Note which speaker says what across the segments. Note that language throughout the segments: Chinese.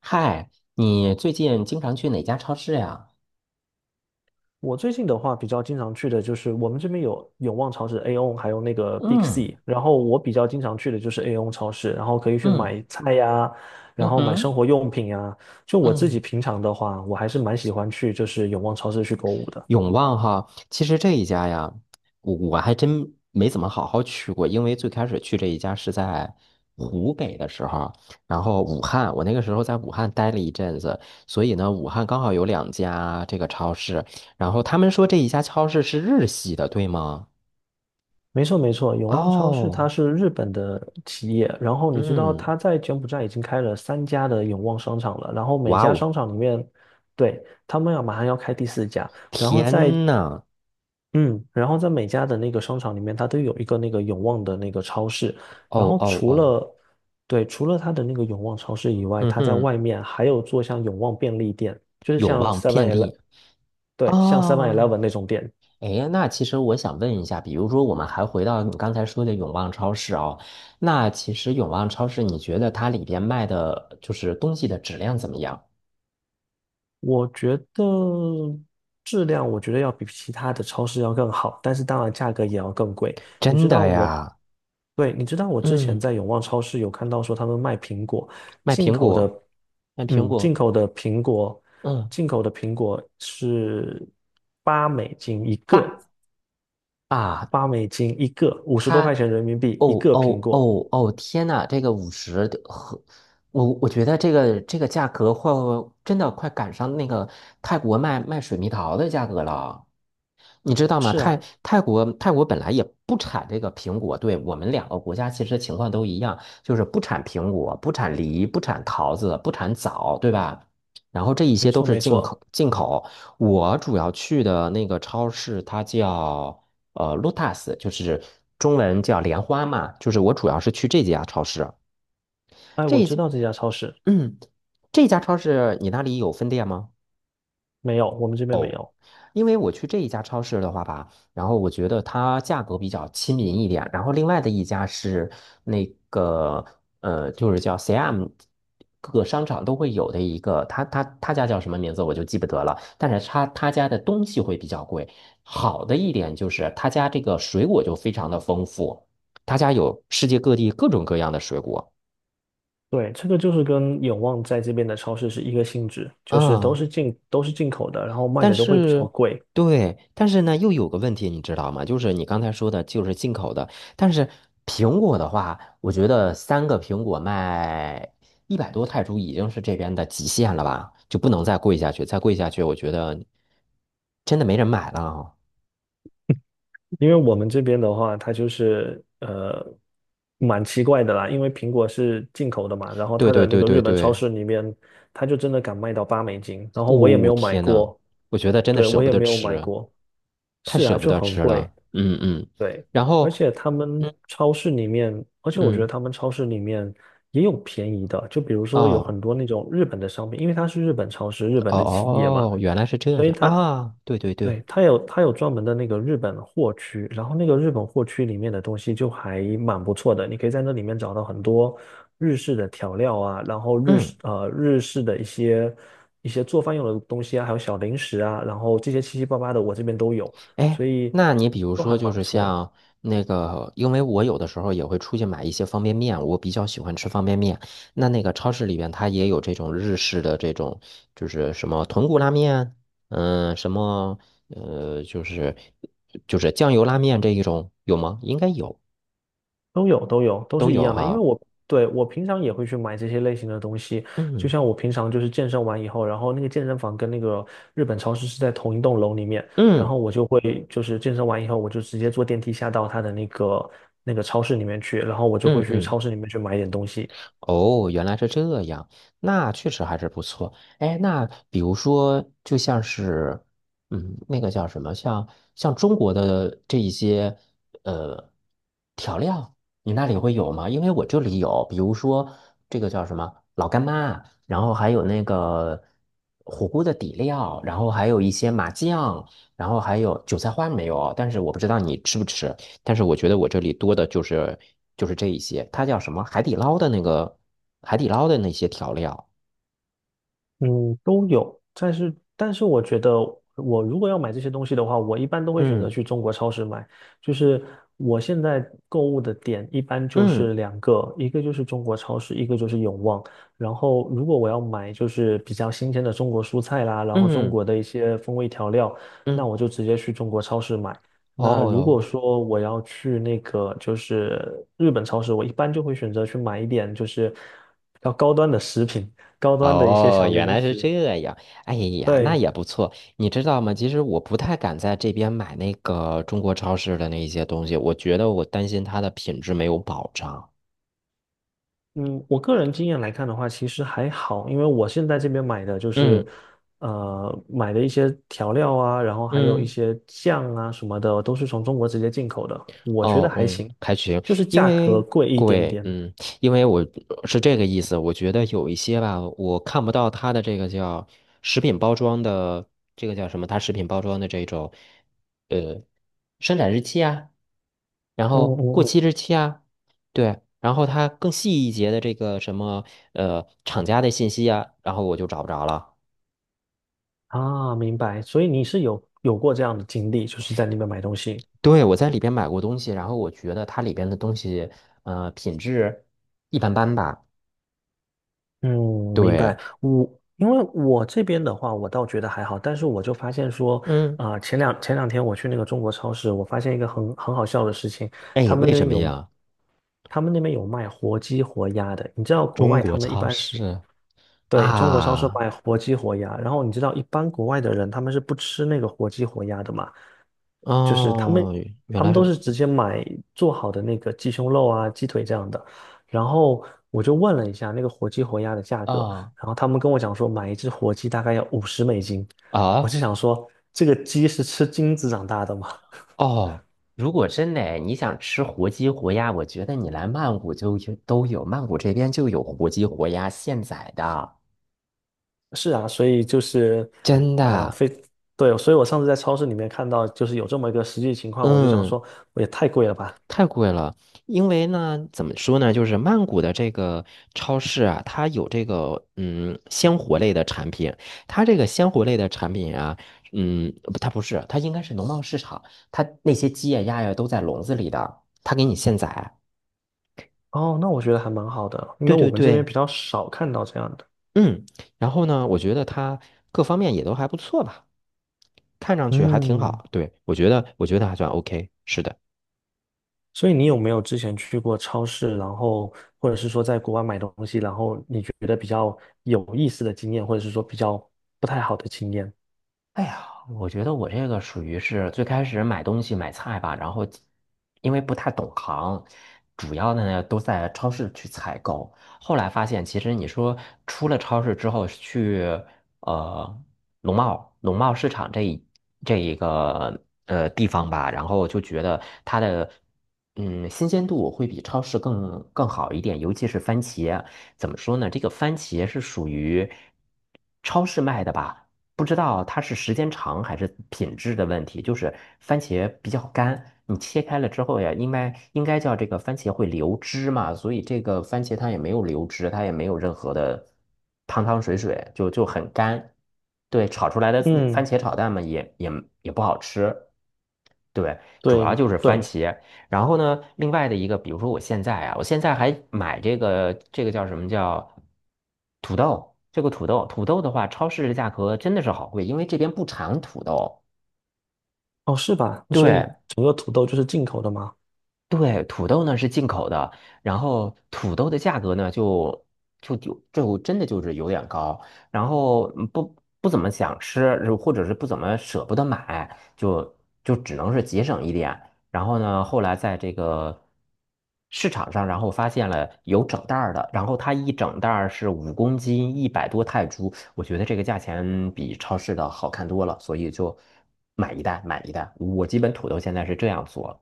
Speaker 1: 嗨，你最近经常去哪家超市呀？
Speaker 2: 我最近的话比较经常去的就是我们这边有永旺超市 AON， 还有那个 Big
Speaker 1: 嗯。
Speaker 2: C，然后我比较经常去的就是 AON 超市，然后可以去
Speaker 1: 嗯。
Speaker 2: 买菜呀，然
Speaker 1: 嗯
Speaker 2: 后买生
Speaker 1: 哼。
Speaker 2: 活用品呀。就我自己
Speaker 1: 嗯，
Speaker 2: 平常的话，我还是蛮喜欢去就是永旺超市去购物的。
Speaker 1: 永旺哈，其实这一家呀，我还真没怎么好好去过。因为最开始去这一家是在湖北的时候，然后武汉，我那个时候在武汉待了一阵子。所以呢，武汉刚好有两家这个超市，然后他们说这一家超市是日系的，对吗？
Speaker 2: 没错没错，永旺超市
Speaker 1: 哦。
Speaker 2: 它是日本的企业。然后你知道
Speaker 1: 嗯。
Speaker 2: 它在柬埔寨已经开了3家的永旺商场了，然后每
Speaker 1: 哇
Speaker 2: 家
Speaker 1: 哦。
Speaker 2: 商场里面，对，他们要马上要开第四家。然后在
Speaker 1: 天呐。
Speaker 2: 嗯，然后在每家的那个商场里面，它都有一个那个永旺的那个超市。然
Speaker 1: 哦
Speaker 2: 后
Speaker 1: 哦
Speaker 2: 除
Speaker 1: 哦。
Speaker 2: 了，对，除了它的那个永旺超市以外，
Speaker 1: 嗯
Speaker 2: 它在
Speaker 1: 哼。
Speaker 2: 外面还有做像永旺便利店，就是
Speaker 1: 永
Speaker 2: 像
Speaker 1: 旺便
Speaker 2: Seven
Speaker 1: 利。
Speaker 2: Eleven。对，像 Seven
Speaker 1: 哦。
Speaker 2: Eleven 那种店。
Speaker 1: 哎，那其实我想问一下，比如说我们还回到你刚才说的永旺超市哦。那其实永旺超市，你觉得它里边卖的就是东西的质量怎么样？
Speaker 2: 我觉得质量，我觉得要比其他的超市要更好，但是当然价格也要更贵。你
Speaker 1: 真
Speaker 2: 知道
Speaker 1: 的
Speaker 2: 我，
Speaker 1: 呀。
Speaker 2: 对，你知道我之前
Speaker 1: 嗯。
Speaker 2: 在永旺超市有看到说他们卖苹果，
Speaker 1: 卖
Speaker 2: 进
Speaker 1: 苹
Speaker 2: 口
Speaker 1: 果。
Speaker 2: 的，
Speaker 1: 卖苹
Speaker 2: 嗯，进
Speaker 1: 果。
Speaker 2: 口的苹果，
Speaker 1: 嗯。
Speaker 2: 进口的苹果是八美金一个，
Speaker 1: 八啊。
Speaker 2: 八美金一个，五十多块
Speaker 1: 它
Speaker 2: 钱人民币一
Speaker 1: 哦
Speaker 2: 个苹
Speaker 1: 哦
Speaker 2: 果。
Speaker 1: 哦哦！天呐，这个五十和我觉得这个价格会真的快赶上那个泰国卖水蜜桃的价格了，你知道吗？泰国本来也不产这个苹果。对，我们两个国家其实情况都一样，就是不产苹果、不产梨、不产桃子、不产枣，对吧？然后这一
Speaker 2: 没
Speaker 1: 些都
Speaker 2: 错，
Speaker 1: 是
Speaker 2: 没
Speaker 1: 进口
Speaker 2: 错。
Speaker 1: 进口。我主要去的那个超市，它叫Lotus，就是中文叫莲花嘛，就是我主要是去这家超市。
Speaker 2: 哎，
Speaker 1: 这
Speaker 2: 我
Speaker 1: 一
Speaker 2: 知
Speaker 1: 家。
Speaker 2: 道这家超市。
Speaker 1: 嗯。这家超市你那里有分店吗？
Speaker 2: 没有，我们这边没有。
Speaker 1: 因为我去这一家超市的话吧，然后我觉得它价格比较亲民一点，然后另外的一家是那个就是叫 CM，各个商场都会有的一个，他家叫什么名字我就记不得了，但是他家的东西会比较贵。好的一点就是他家这个水果就非常的丰富，他家有世界各地各种各样的水果
Speaker 2: 对，这个就是跟永旺在这边的超市是一个性质，就是
Speaker 1: 啊。
Speaker 2: 都是进口的，然后卖
Speaker 1: 但
Speaker 2: 的都会比较
Speaker 1: 是，
Speaker 2: 贵。
Speaker 1: 对，但是呢，又有个问题，你知道吗？就是你刚才说的，就是进口的。但是苹果的话，我觉得3个苹果卖一百多泰铢已经是这边的极限了吧，就不能再贵下去，再贵下去，我觉得真的没人买了啊。
Speaker 2: 因为我们这边的话，它就是蛮奇怪的啦，因为苹果是进口的嘛，然后
Speaker 1: 对
Speaker 2: 它的
Speaker 1: 对
Speaker 2: 那
Speaker 1: 对
Speaker 2: 个
Speaker 1: 对
Speaker 2: 日本超
Speaker 1: 对。
Speaker 2: 市里面，它就真的敢卖到八美金，然后我也没
Speaker 1: 哦
Speaker 2: 有买
Speaker 1: 天呐，
Speaker 2: 过。
Speaker 1: 我觉得真的
Speaker 2: 对，
Speaker 1: 舍
Speaker 2: 我
Speaker 1: 不
Speaker 2: 也
Speaker 1: 得
Speaker 2: 没有买
Speaker 1: 吃，
Speaker 2: 过，
Speaker 1: 太
Speaker 2: 是啊，
Speaker 1: 舍不
Speaker 2: 就
Speaker 1: 得
Speaker 2: 很
Speaker 1: 吃
Speaker 2: 贵。
Speaker 1: 了。嗯嗯。
Speaker 2: 对，
Speaker 1: 然
Speaker 2: 而
Speaker 1: 后。
Speaker 2: 且他们
Speaker 1: 嗯
Speaker 2: 超市里面，而且我觉得
Speaker 1: 嗯。
Speaker 2: 他们超市里面也有便宜的，就比如说有
Speaker 1: 哦
Speaker 2: 很多那种日本的商品，因为它是日本超市，日本
Speaker 1: 哦
Speaker 2: 的企业嘛，
Speaker 1: 哦，原来是这
Speaker 2: 所以
Speaker 1: 样
Speaker 2: 它
Speaker 1: 啊。对对对。
Speaker 2: 对，它有专门的那个日本货区，然后那个日本货区里面的东西就还蛮不错的，你可以在那里面找到很多日式的调料啊，然后
Speaker 1: 嗯。
Speaker 2: 日式的一些做饭用的东西啊，还有小零食啊，然后这些七七八八的我这边都有，
Speaker 1: 哎，
Speaker 2: 所以
Speaker 1: 那你比如
Speaker 2: 都
Speaker 1: 说，
Speaker 2: 还
Speaker 1: 就
Speaker 2: 蛮不
Speaker 1: 是
Speaker 2: 错。
Speaker 1: 像那个，因为我有的时候也会出去买一些方便面，我比较喜欢吃方便面。那个超市里边，它也有这种日式的这种，就是什么豚骨拉面，什么呃，就是就是酱油拉面这一种有吗？应该有，
Speaker 2: 都有都有，都
Speaker 1: 都
Speaker 2: 是一
Speaker 1: 有
Speaker 2: 样的。因为
Speaker 1: 哈。
Speaker 2: 我对，我平常也会去买这些类型的东西。就
Speaker 1: 嗯。
Speaker 2: 像我平常就是健身完以后，然后那个健身房跟那个日本超市是在同一栋楼里面，然
Speaker 1: 嗯。
Speaker 2: 后我就会就是健身完以后，我就直接坐电梯下到他的那个超市里面去，然后我就会
Speaker 1: 嗯。
Speaker 2: 去
Speaker 1: 嗯。
Speaker 2: 超市里面去买一点东西。
Speaker 1: 哦，原来是这样，那确实还是不错。哎，那比如说，就像是，那个叫什么，像中国的这一些呃调料，你那里会有吗？因为我这里有，比如说这个叫什么老干妈，然后还有那个火锅的底料，然后还有一些麻酱，然后还有韭菜花没有，但是我不知道你吃不吃。但是我觉得我这里多的就是这一些。它叫什么？海底捞的那些调料。
Speaker 2: 嗯，都有，但是我觉得，我如果要买这些东西的话，我一般都会选择
Speaker 1: 嗯。
Speaker 2: 去中国超市买。就是我现在购物的点一般就
Speaker 1: 嗯。
Speaker 2: 是两个，一个就是中国超市，一个就是永旺。然后如果我要买就是比较新鲜的中国蔬菜啦，然后中
Speaker 1: 嗯。
Speaker 2: 国的一些风味调料，那
Speaker 1: 嗯。
Speaker 2: 我就直接去中国超市买。
Speaker 1: 哦
Speaker 2: 那如果
Speaker 1: 哟。
Speaker 2: 说我要去那个就是日本超市，我一般就会选择去买一点就是比较高端的食品，高端的一些
Speaker 1: 哦，
Speaker 2: 小
Speaker 1: 原
Speaker 2: 零
Speaker 1: 来是
Speaker 2: 食。
Speaker 1: 这样。哎呀，那
Speaker 2: 对，
Speaker 1: 也不错。你知道吗？其实我不太敢在这边买那个中国超市的那一些东西，我觉得我担心它的品质没有保障。
Speaker 2: 嗯，我个人经验来看的话，其实还好。因为我现在这边买的就是
Speaker 1: 嗯
Speaker 2: 买的一些调料啊，然后还有一
Speaker 1: 嗯。
Speaker 2: 些酱啊什么的，都是从中国直接进口的，我觉得
Speaker 1: 哦。
Speaker 2: 还
Speaker 1: 嗯。
Speaker 2: 行，
Speaker 1: 还行。
Speaker 2: 就是
Speaker 1: 因
Speaker 2: 价格
Speaker 1: 为
Speaker 2: 贵一点
Speaker 1: 贵。
Speaker 2: 点。
Speaker 1: 嗯。因为我是这个意思，我觉得有一些吧，我看不到它的这个叫食品包装的。这个叫什么？它食品包装的这种，呃，生产日期啊，然
Speaker 2: 嗯
Speaker 1: 后过
Speaker 2: 嗯
Speaker 1: 期
Speaker 2: 嗯。
Speaker 1: 日期啊。对，然后它更细一节的这个什么，厂家的信息啊，然后我就找不着了。
Speaker 2: 啊，明白。所以你是有过这样的经历，就是在那边买东西。
Speaker 1: 对，我在里边买过东西，然后我觉得它里边的东西，品质一般般吧。
Speaker 2: 嗯，明
Speaker 1: 对。
Speaker 2: 白。因为我这边的话，我倒觉得还好，但是我就发现说，
Speaker 1: 嗯。
Speaker 2: 啊、前两天我去那个中国超市，我发现一个很好笑的事情。
Speaker 1: 哎，
Speaker 2: 他们
Speaker 1: 为
Speaker 2: 那
Speaker 1: 什
Speaker 2: 边
Speaker 1: 么
Speaker 2: 有，
Speaker 1: 呀？
Speaker 2: 他们那边有卖活鸡活鸭的。你知道国
Speaker 1: 中
Speaker 2: 外他
Speaker 1: 国
Speaker 2: 们一
Speaker 1: 超
Speaker 2: 般是，
Speaker 1: 市
Speaker 2: 对，中国超市
Speaker 1: 啊。
Speaker 2: 卖活鸡活鸭，然后你知道一般国外的人他们是不吃那个活鸡活鸭的嘛，就是他们
Speaker 1: 哦，原
Speaker 2: 他
Speaker 1: 来
Speaker 2: 们都
Speaker 1: 是。
Speaker 2: 是直接买做好的那个鸡胸肉啊、鸡腿这样的。然后我就问了一下那个活鸡活鸭的价格，
Speaker 1: 哦。
Speaker 2: 然后他们跟我讲说买一只活鸡大概要50美金，我
Speaker 1: 啊。
Speaker 2: 就想说这个鸡是吃金子长大的吗？
Speaker 1: 哦。如果真的你想吃活鸡活鸭，我觉得你来曼谷就有都有，曼谷这边就有活鸡活鸭现宰的，
Speaker 2: 是啊，所以就是，
Speaker 1: 真
Speaker 2: 呃，
Speaker 1: 的。
Speaker 2: 非，对，所以我上次在超市里面看到，就是有这么一个实际情况，我就想
Speaker 1: 嗯。
Speaker 2: 说，也太贵了吧。
Speaker 1: 太贵了，因为呢，怎么说呢，就是曼谷的这个超市啊，它有这个鲜活类的产品，它这个鲜活类的产品啊，不，它不是，它应该是农贸市场，它那些鸡呀、鸭呀都在笼子里的，它给你现宰。
Speaker 2: 哦，那我觉得还蛮好的，因为
Speaker 1: 对
Speaker 2: 我
Speaker 1: 对
Speaker 2: 们这边
Speaker 1: 对。
Speaker 2: 比较少看到这样的。
Speaker 1: 嗯，然后呢，我觉得它各方面也都还不错吧，看上去还挺
Speaker 2: 嗯。
Speaker 1: 好。对，我觉得，我觉得还算 OK，是的。
Speaker 2: 所以你有没有之前去过超市，然后或者是说在国外买东西，然后你觉得比较有意思的经验，或者是说比较不太好的经验？
Speaker 1: 哎呀，我觉得我这个属于是最开始买东西买菜吧，然后因为不太懂行，主要的呢都在超市去采购。后来发现，其实你说出了超市之后去呃农贸市场这一个地方吧，然后就觉得它的新鲜度会比超市更好一点，尤其是番茄。怎么说呢？这个番茄是属于超市卖的吧？不知道它是时间长还是品质的问题，就是番茄比较干，你切开了之后呀，应该叫这个番茄会流汁嘛，所以这个番茄它也没有流汁，它也没有任何的汤汤水水，就很干。对，炒出来的番
Speaker 2: 嗯，
Speaker 1: 茄炒蛋嘛，也不好吃。对，主要
Speaker 2: 对
Speaker 1: 就是番
Speaker 2: 对，
Speaker 1: 茄。然后呢，另外的一个，比如说我现在啊，我现在还买这个叫什么叫土豆，这个土豆，土豆的话，超市的价格真的是好贵，因为这边不产土豆。
Speaker 2: 哦，是吧？所以
Speaker 1: 对，
Speaker 2: 整个土豆就是进口的吗？
Speaker 1: 对，土豆呢是进口的，然后土豆的价格呢就真的就是有点高，然后不怎么想吃，或者是不怎么舍不得买，就只能是节省一点。然后呢，后来在这个市场上，然后发现了有整袋儿的，然后它一整袋儿是5公斤，一百多泰铢，我觉得这个价钱比超市的好看多了，所以就买一袋买一袋。我基本土豆现在是这样做。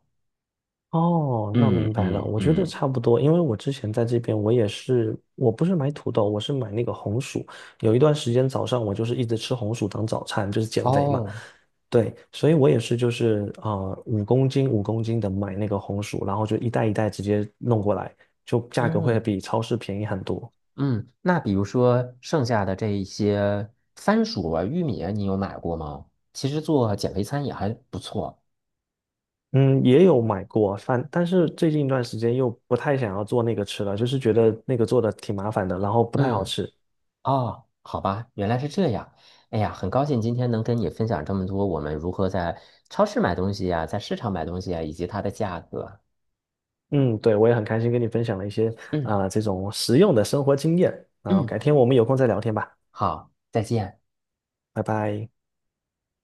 Speaker 2: 哦，那
Speaker 1: 嗯。
Speaker 2: 明白了。
Speaker 1: 嗯。
Speaker 2: 我觉得
Speaker 1: 嗯。
Speaker 2: 差不多，因为我之前在这边，我也是，我不是买土豆，我是买那个红薯。有一段时间早上我就是一直吃红薯当早餐，就是减肥嘛。
Speaker 1: 哦。
Speaker 2: 对，所以我也是，就是五公斤五公斤的买那个红薯，然后就一袋一袋直接弄过来，就价格会
Speaker 1: 嗯
Speaker 2: 比超市便宜很多。
Speaker 1: 嗯。那比如说剩下的这一些番薯啊、玉米啊，你有买过吗？其实做减肥餐也还不错。
Speaker 2: 嗯，也有买过饭，但是最近一段时间又不太想要做那个吃了，就是觉得那个做的挺麻烦的，然后不太好
Speaker 1: 嗯。
Speaker 2: 吃。
Speaker 1: 哦，好吧，原来是这样。哎呀，很高兴今天能跟你分享这么多，我们如何在超市买东西呀、在市场买东西啊，以及它的价格。
Speaker 2: 嗯，对，我也很开心跟你分享了一些
Speaker 1: 嗯
Speaker 2: 啊、这种实用的生活经验啊、
Speaker 1: 嗯。
Speaker 2: 改天我们有空再聊天吧。
Speaker 1: 好，再见。
Speaker 2: 拜拜。